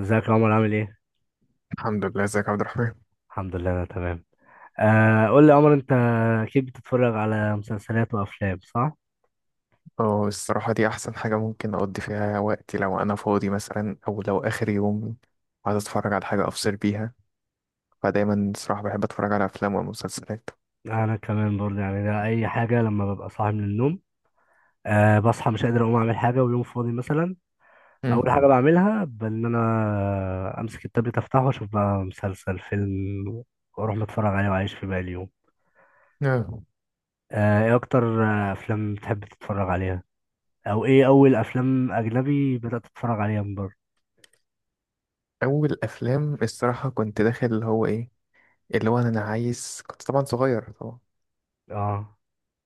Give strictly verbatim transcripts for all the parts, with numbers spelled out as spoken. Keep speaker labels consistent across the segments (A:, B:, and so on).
A: ازيك يا عمر؟ عامل ايه؟
B: الحمد لله، ازيك يا عبد الرحمن.
A: الحمد لله انا تمام. آه قول لي يا عمر، انت اكيد بتتفرج على مسلسلات وافلام صح؟
B: اه الصراحة دي أحسن حاجة ممكن أقضي فيها وقتي لو أنا فاضي مثلا أو لو آخر يوم عايز أتفرج على حاجة أفصل بيها. فدايما الصراحة بحب أتفرج على أفلام ومسلسلات.
A: انا كمان برضه، يعني ده اي حاجه لما ببقى صاحي من النوم. آه بصحى مش قادر اقوم اعمل حاجه، ويوم فاضي مثلا اول حاجه
B: مم.
A: بعملها بان انا امسك التابلت افتحه واشوف بقى مسلسل فيلم، واروح متفرج عليه واعيش في باقي اليوم.
B: آه.
A: آه ايه اكتر آه، افلام بتحب تتفرج عليها؟ او ايه اول افلام اجنبي بدأت تتفرج عليها من بره؟
B: أول أفلام الصراحة كنت داخل اللي هو إيه، اللي هو أنا عايز، كنت طبعا صغير طبعا،
A: اه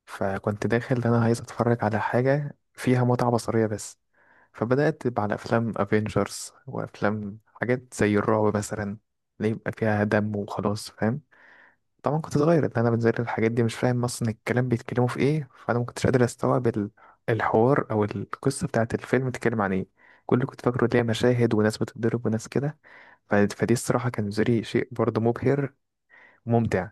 B: فكنت داخل أنا عايز أتفرج على حاجة فيها متعة بصرية بس. فبدأت على أفلام أفينجرز وأفلام حاجات زي الرعب مثلا، اللي يبقى فيها دم وخلاص، فاهم؟ طبعا كنت صغير، اللي انا بنزل الحاجات دي مش فاهم اصلا الكلام بيتكلموا في ايه، فانا ما كنتش قادر استوعب ال- الحوار او القصه بتاعت الفيلم بتتكلم عن ايه. كل اللي كنت فاكره ليه مشاهد وناس بتتضرب وناس كده. ف- فدي الصراحه كان زري شيء برضه مبهر وممتع.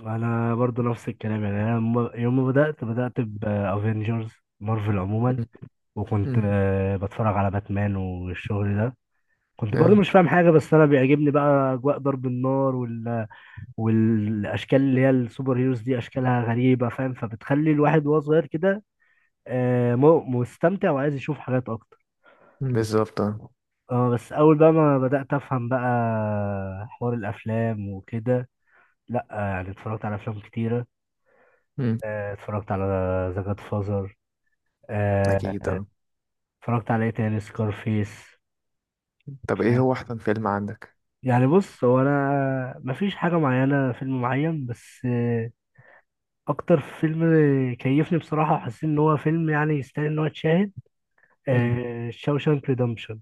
A: انا برضو نفس الكلام، يعني انا م- يوم ما بدات بدات بافنجرز، مارفل عموما.
B: مم.
A: وكنت
B: مم.
A: آه، بتفرج على باتمان والشغل ده، كنت برضو
B: آه.
A: مش فاهم حاجه، بس انا بيعجبني بقى اجواء ضرب النار وال... والاشكال اللي هي السوبر هيروز دي اشكالها غريبه، فاهم؟ فبتخلي الواحد وهو صغير كده آه، م- مستمتع وعايز يشوف حاجات اكتر.
B: مم. بالظبط، آه.
A: اه بس اول بقى ما بدات افهم بقى حوار الافلام وكده، لا آه، يعني اتفرجت على افلام كتيره.
B: مم.
A: آه، اتفرجت على ذا جاد،
B: اكيد،
A: آه،
B: آه.
A: اتفرجت على ايه تاني سكارفيس.
B: طب ايه
A: فاهم؟
B: هو احسن فيلم عندك؟
A: يعني بص، هو انا مفيش حاجه معينه فيلم معين، بس آه، اكتر فيلم كيفني بصراحه وحسيت ان هو فيلم يعني يستاهل ان هو يتشاهد،
B: مم.
A: آه، شاوشانك ريدمشن.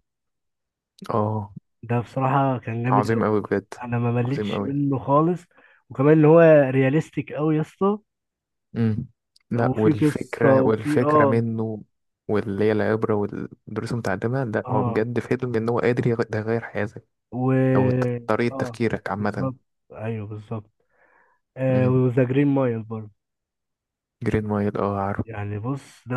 B: اه.
A: ده بصراحه كان جامد
B: عظيم
A: قوي،
B: قوي بجد.
A: انا ما
B: عظيم
A: مليتش
B: قوي.
A: منه خالص. وكمان ان هو رياليستيك قوي يا اسطى،
B: امم. لا،
A: وفي قصه
B: والفكرة
A: وفي
B: والفكرة
A: اه.
B: منه، واللي هي العبرة والدروس المتعلمة، لا هو
A: اه،
B: بجد فيلم إن هو قادر يغ- ده يغير حياتك
A: و
B: أو ت- طريقة
A: اه،
B: تفكيرك عامة.
A: بالظبط. ايوه بالظبط. آه
B: امم.
A: وذا جرين مايل برضه،
B: جرين مايل، اه، عارف.
A: يعني بص ده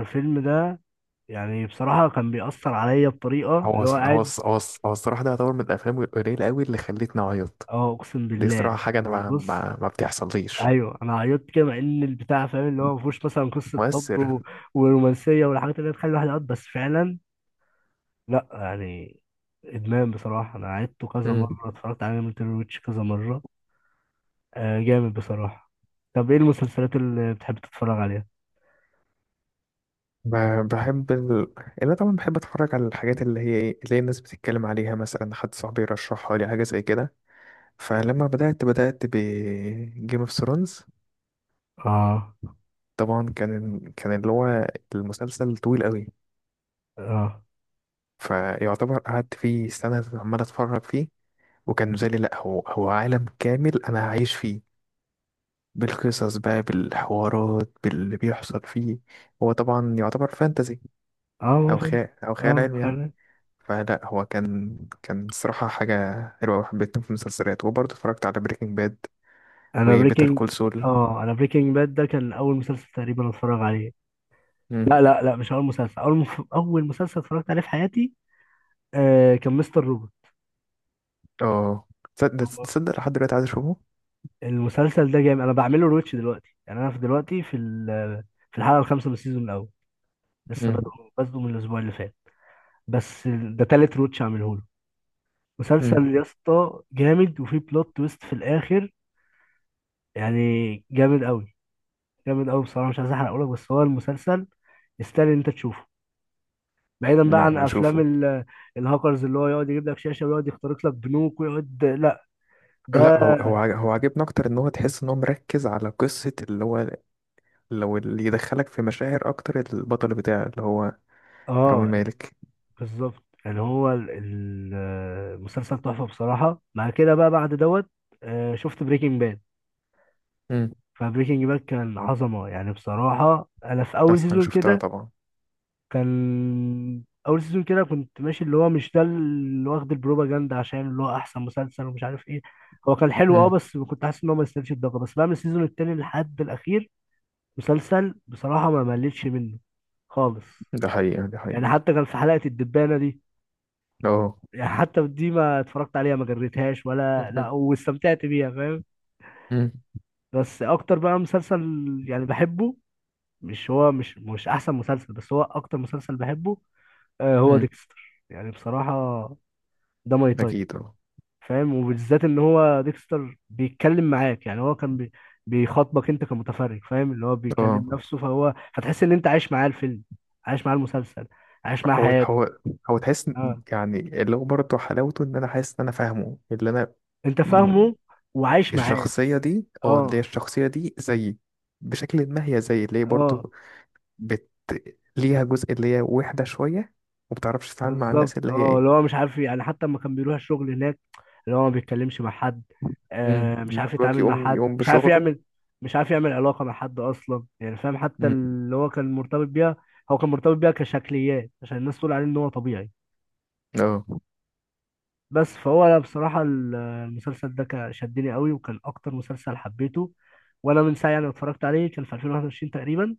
A: الفيلم ده يعني بصراحة كان بيأثر عليا بطريقة اللي
B: هو
A: هو
B: الص- هو
A: قاعد.
B: الص- هو الص- هو الصراحة ده يعتبر من الأفلام القليلة أوي اللي خلتني أعيط.
A: اه اقسم
B: دي
A: بالله،
B: صراحة حاجة أنا
A: يعني
B: ما,
A: بص
B: ما, ما بتحصليش.
A: ايوه انا عيطت كده، مع ان البتاع، فاهم؟ اللي هو ما فيهوش مثلا قصة حب
B: مؤثر.
A: و... ورومانسية والحاجات اللي هي تخلي الواحد يعيط، بس فعلا لا يعني ادمان بصراحة. انا عيدته كذا
B: امم.
A: مرة، اتفرجت عليه من تيري ويتش كذا مرة. آه جامد بصراحة. طب ايه المسلسلات اللي بتحب تتفرج عليها؟
B: ب- بحب ال... انا طبعا بحب اتفرج على الحاجات اللي هي ايه، اللي هي الناس بتتكلم عليها، مثلا حد صاحبي يرشحها لي حاجه زي كده. فلما بدأت بدأت ب Game اوف ثرونز،
A: اه،
B: طبعا كان كان اللي هو المسلسل طويل قوي،
A: اه.
B: فيعتبر قعدت فيه سنة عمال اتفرج فيه، وكان بالنسبة لي لا، هو هو عالم كامل انا هعيش فيه، بالقصص بقى، بالحوارات، باللي بيحصل فيه. هو طبعا يعتبر فانتزي
A: اه ما
B: او
A: فهمت.
B: خيال، او خيال
A: اه
B: علمي يعني. فلا هو كان كان صراحة حاجة حلوة وحبيتهم في المسلسلات. وبرضه اتفرجت على بريكنج باد
A: انا
B: وبيتر
A: بريكنج.
B: كول سول.
A: اه انا بريكنج باد ده كان اول مسلسل تقريبا اتفرج عليه. لا لا لا مش اول مسلسل، اول مف... اول مسلسل اتفرجت عليه في حياتي آه كان مستر روبوت.
B: اه. تصدق
A: هو
B: تصدق لحد دلوقتي عايز اشوفه.
A: المسلسل ده جامد، انا بعمله روتش دلوقتي، يعني انا في دلوقتي في ال... في الحلقه الخامسه من السيزون الاول، لسه
B: مم.
A: بادئ، بادئه من الاسبوع اللي فات. بس ده تالت روتش اعمله له.
B: مم.
A: مسلسل يا اسطى جامد، وفيه بلوت تويست في الاخر، يعني جامد قوي. جامد قوي بصراحه، مش عايز احرقه لك، بس هو المسلسل يستاهل إن انت تشوفه. بعيدا بقى عن
B: لا
A: افلام
B: اشوفه.
A: ال- الهاكرز اللي هو يقعد يجيب لك شاشه ويقعد يخترق لك بنوك ويقعد، لا ده
B: لا، هو هو عاج- هو عاجبني اكتر ان هو تحس ان هو مركز على قصة اللي هو، لو اللي يدخلك في مشاعر اكتر البطل بتاعه اللي هو رامي
A: اه
B: مالك.
A: بالظبط. يعني هو ال- ال- المسلسل تحفه بصراحه. مع كده بقى بعد دوت، آه، شفت بريكنج باد.
B: مم.
A: فبريكنج باد كان عظمه يعني بصراحه. انا في اول
B: احسن حاجة
A: سيزون
B: شفتها
A: كده،
B: طبعا.
A: كان اول سيزون كده كنت ماشي اللي هو، مش ده اللي واخد البروباجندا عشان اللي هو احسن مسلسل ومش عارف ايه. هو كان حلو اه،
B: مم.
A: بس كنت حاسس ان هو ما يستاهلش الضجه، بس بقى من السيزون التاني لحد الاخير مسلسل بصراحة ما مليتش منه خالص.
B: ده حقيقة ده حقيقة،
A: يعني حتى كان في حلقة الدبانة دي،
B: اه.
A: يعني حتى دي ما اتفرجت عليها، ما جريتهاش ولا لا، واستمتعت بيها فاهم.
B: مم.
A: بس اكتر بقى مسلسل يعني بحبه، مش هو مش مش احسن مسلسل، بس هو اكتر مسلسل بحبه آه، هو
B: مم.
A: ديكستر يعني بصراحة. ده ماي تايب،
B: اكيد، اه.
A: فاهم؟ وبالذات ان هو ديكستر بيتكلم معاك، يعني هو كان بي... بيخاطبك انت كمتفرج، فاهم؟ اللي هو بيكلم
B: اه.
A: نفسه، فهو فتحس ان انت عايش معاه الفيلم، عايش معاه المسلسل، عايش معاه
B: هو
A: حياته.
B: هو هو تحس إن-
A: اه
B: يعني اللي هو برضه حلاوته ان انا حاسس ان انا فاهمه، اللي انا
A: انت فاهمه وعايش معاه.
B: الشخصية دي، اه، اللي هي
A: اه،
B: الشخصية دي زيي. بشكل ما هي زيي، اللي هي
A: اه
B: برضو بت... ليها جزء اللي هي وحدة شوية ومبتعرفش تتعامل مع
A: بالظبط.
B: الناس اللي هي
A: اه اللي
B: ايه.
A: هو مش عارف، يعني حتى لما كان بيروح الشغل هناك اللي هو ما بيتكلمش مع حد،
B: امم.
A: آه مش
B: اللي
A: عارف
B: هو
A: يتعامل مع
B: يقوم
A: حد،
B: يقوم
A: مش عارف
B: بشغله.
A: يعمل، مش عارف يعمل علاقة مع حد أصلا يعني، فاهم؟ حتى
B: امم.
A: اللي هو كان مرتبط بيها، هو كان مرتبط بيها كشكليات عشان الناس تقول عليه إن هو طبيعي.
B: اه.
A: بس فهو أنا بصراحة ال- المسلسل ده كان شدني قوي وكان أكتر مسلسل حبيته. وأنا من ساعة يعني اتفرجت عليه، كان في ألفين وواحد وعشرين تقريبا،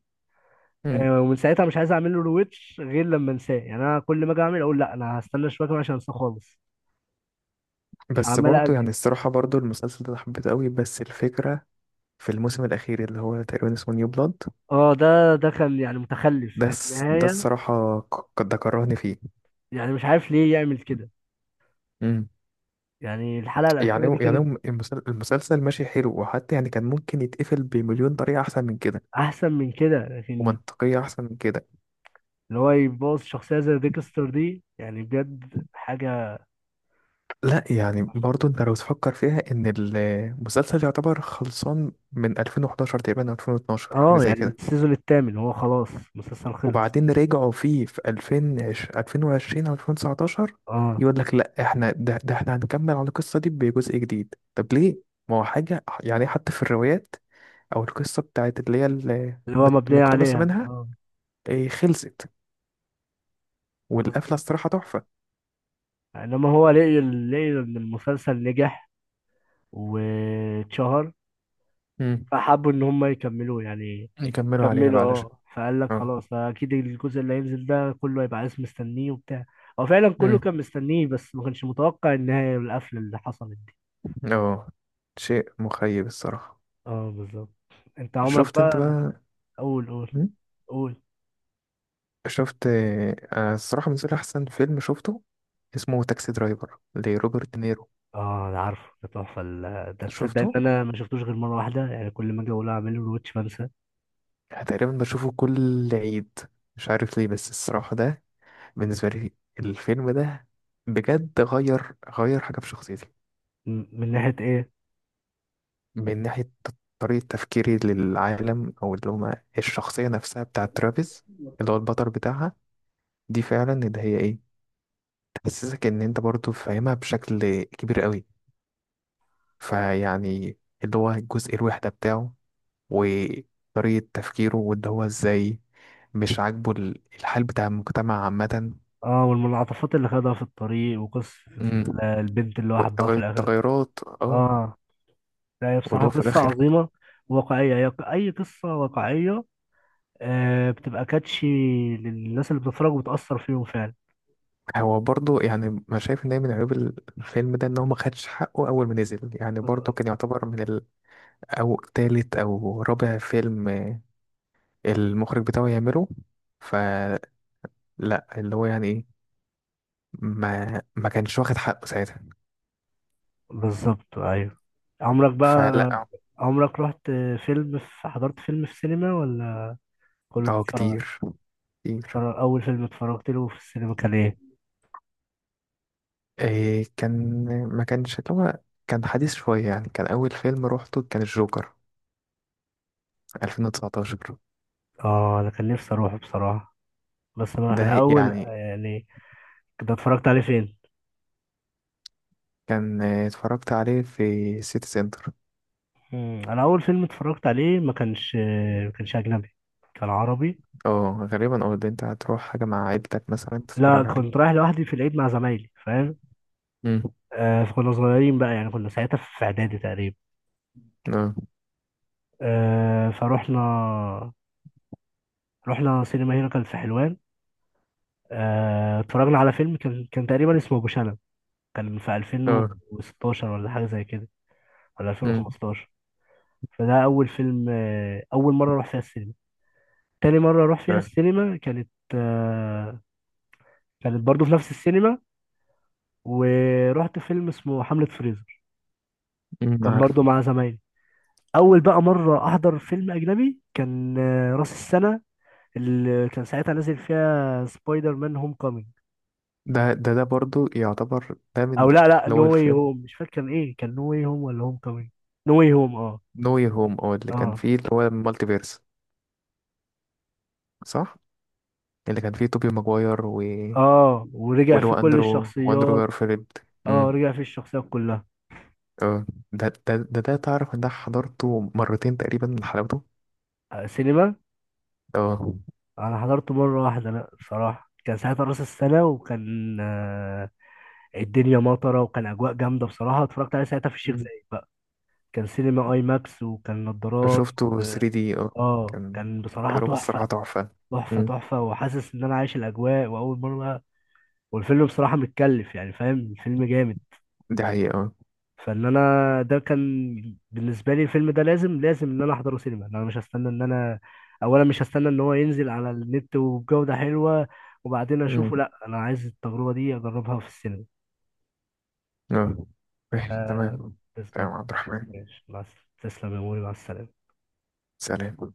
B: امم.
A: آه، ومن ساعتها مش عايز أعمل له رويتش غير لما أنساه. يعني أنا كل ما أجي أعمل أقول لا أنا هستنى شوية كمان عشان أنساه خالص،
B: بس
A: عمال
B: برضو يعني
A: أأجل.
B: الصراحة، برضو المسلسل ده أنا حبيته قوي، بس الفكرة في الموسم الأخير اللي هو تقريبا اسمه نيو بلاد،
A: اه ده ده كان يعني متخلف،
B: ده
A: يعني
B: الس- ده
A: النهاية
B: الصراحة، ك- ده كرهني فيه.
A: يعني مش عارف ليه يعمل كده.
B: امم.
A: يعني الحلقة الأخيرة دي
B: يعني يعني
A: كانت
B: المسل- المسلسل ماشي حلو، وحتى يعني كان ممكن يتقفل بمليون طريقة أحسن من كده
A: أحسن من كده لكن،
B: ومنطقية أحسن من كده.
A: اللي هو يبوظ شخصية زي ديكستر دي يعني بجد حاجة.
B: لا يعني برضو أنت لو تفكر فيها إن المسلسل يعتبر خلصان من ألفين وحداشر تقريبا أو ألفين واتناشر، حاجة
A: اه،
B: زي
A: يعني من
B: كده،
A: السيزون الثامن هو خلاص المسلسل خلص.
B: وبعدين رجعوا فيه في ألفين وعشرين أو ألفين وتسعتاشر،
A: اه
B: يقول لك لا، إحنا ده, ده إحنا هنكمل على القصة دي بجزء جديد. طب ليه؟ ما هو حاجة يعني حتى في الروايات أو القصة بتاعت اللي هي ال-
A: اللي هو
B: مت-
A: مبنية
B: مقتبسة
A: عليها
B: منها
A: اه
B: إيه، خلصت، والقفلة
A: بالظبط.
B: الصراحة تحفة.
A: انما هو لقي لقي ان المسلسل نجح واتشهر،
B: مم.
A: فحبوا ان هم يكملوا يعني،
B: يكملوا عليها
A: كملوا
B: بقى علشان.
A: اه. فقال لك خلاص، فاكيد الجزء اللي هينزل ده كله هيبقى عايز مستنيه وبتاع. هو فعلا كله
B: اه.
A: كان مستنيه، بس ما كانش متوقع النهايه والقفله اللي حصلت دي.
B: اه. شيء مخيب الصراحة.
A: اه بالظبط. انت عمرك
B: شفت انت
A: بقى،
B: بقى؟
A: قول قول.
B: م؟
A: قول
B: شفت، آه، الصراحة بالنسبة لي أحسن فيلم شفته اسمه تاكسي درايفر لروبرت دينيرو.
A: اه انا عارفه، ده تحفه ال- ده تصدق
B: شفته
A: ان انا ما شفتوش غير مره واحده؟ يعني كل ما اجي اقول اعمله الواتش بنسى.
B: تقريبا بشوفه كل عيد، مش عارف ليه، بس الصراحة ده بالنسبة لي الفيلم ده بجد غير غير حاجة في شخصيتي.
A: م- من ناحيه ايه؟
B: من ناحية طريقة تفكيري للعالم، أو اللي هما الشخصية نفسها بتاعة ترافيس اللي هو البطل بتاعها. دي فعلا اللي هي ايه، حسسك ان انت برضو فاهمها بشكل كبير قوي. فيعني اللي هو الجزء الوحدة بتاعه وطريقة تفكيره، واللي هو ازاي مش عاجبه ال- الحال بتاع المجتمع عامة.
A: اه والمنعطفات اللي خدها في الطريق، وقصه
B: امم.
A: ال- البنت اللي هو حبها في الاخر.
B: والتغيرات، اه.
A: اه لا هي بصراحة
B: ولو في
A: قصة
B: الاخر
A: عظيمة واقعية. هي ق- أي قصة واقعية آه، بتبقى كاتشي للناس اللي بتتفرج، وبتأثر فيهم فعلا.
B: هو برضو يعني ما شايف ان هي من عيوب الفيلم ده ان هو ما خدش حقه اول ما نزل. يعني برضو كان يعتبر من ال- او تالت او رابع فيلم المخرج بتاعه يعمله. فلا اللي هو يعني ما ما كانش واخد حقه ساعتها.
A: بالظبط أيوه. عمرك بقى،
B: فلا.
A: عمرك رحت فيلم في، حضرت فيلم في سينما، ولا كله
B: اه،
A: بتتفرج عليه؟
B: كتير، كتير.
A: بتتفرج، أول فيلم اتفرجت له في السينما كان إيه؟
B: إيه، كان ما كانش اللي هو، كان حديث شوية يعني. كان أول فيلم روحته كان الجوكر ألفين وتسعتاشر.
A: آه أنا كان نفسي أروحه بصراحة. بس أنا أنا
B: ده
A: أول
B: يعني
A: يعني، كنت اتفرجت عليه فين؟
B: كان، آه، اتفرجت عليه في سيتي سنتر.
A: مم، أنا أول فيلم اتفرجت عليه ما كانش، ما كانش أجنبي، كان عربي.
B: اه، غالبا أو البنت هتروح حاجة مع عيلتك مثلا
A: لا
B: تتفرج
A: كنت
B: عليه.
A: رايح لوحدي في العيد مع زمايلي، فاهم؟
B: مم.
A: آه فكنا صغيرين بقى، يعني كنا ساعتها في اعدادي تقريبا،
B: اه.
A: آه فروحنا، رحنا سينما هنا كانت في حلوان. آه اتفرجنا على فيلم كان كان تقريبا اسمه ابو شنب، كان في
B: اه.
A: ألفين وستاشر ولا حاجه زي كده، ولا
B: مم.
A: ألفين وخمستاشر. فده اول فيلم آه، اول مره اروح فيها السينما. تاني مره اروح فيها
B: اه.
A: السينما كانت آه كانت برضو في نفس السينما، ورحت فيلم اسمه حملة فريزر.
B: مم،
A: كان
B: عارف.
A: برضو مع زمايلي. اول بقى مره احضر فيلم اجنبي كان آه، راس السنه اللي كان ساعتها نازل فيها سبايدر مان هوم كومينج.
B: ده ده ده برضو يعتبر ده من
A: او لا لا
B: اللي
A: نو
B: هو
A: واي
B: الفيلم
A: هوم، مش فاكر كان ايه، كان نو واي هوم ولا هوم كومينج؟ نو واي هوم اه.
B: نو يير هوم، اه، اللي كان
A: اه
B: فيه اللي هو المالتي فيرس، صح؟ اللي كان فيه توبي ماجواير و...
A: اه، ورجع
B: واللي هو
A: فيه كل
B: اندرو واندرو
A: الشخصيات،
B: جارفيلد. امم.
A: اه رجع فيه الشخصيات كلها.
B: اه. ده ده ده ده تعرف ان ده حضرته مرتين تقريبا لحلاوته.
A: آه، سينما.
B: اه.
A: انا حضرته مره واحده لا بصراحه. كان ساعتها راس السنه وكان آه، الدنيا مطره وكان اجواء جامده بصراحه. اتفرجت عليه ساعتها في الشيخ
B: مم.
A: زايد بقى، كان سينما اي ماكس وكان نضارات.
B: شفته ثري دي، اه
A: اه
B: كان
A: كان بصراحة
B: تجربة
A: تحفة.
B: الصراحة تحفة.
A: تحفة
B: مم.
A: تحفة وحاسس ان انا عايش الاجواء واول مرة. والفيلم بصراحة متكلف، يعني فاهم الفيلم جامد.
B: دي حقيقة، اه.
A: فان انا ده كان بالنسبة لي الفيلم ده لازم لازم ان انا احضره سينما. إن انا مش هستنى ان انا، اولا مش هستنى ان هو ينزل على النت وبجودة حلوة وبعدين
B: مم.
A: اشوفه، لا انا عايز التجربة دي اجربها في السينما.
B: اه. ماشي، تمام.
A: بالظبط.
B: تمام عبد الرحمن.
A: ماشي مع الس- تسلم يا موري، مع السلامة.
B: سلام.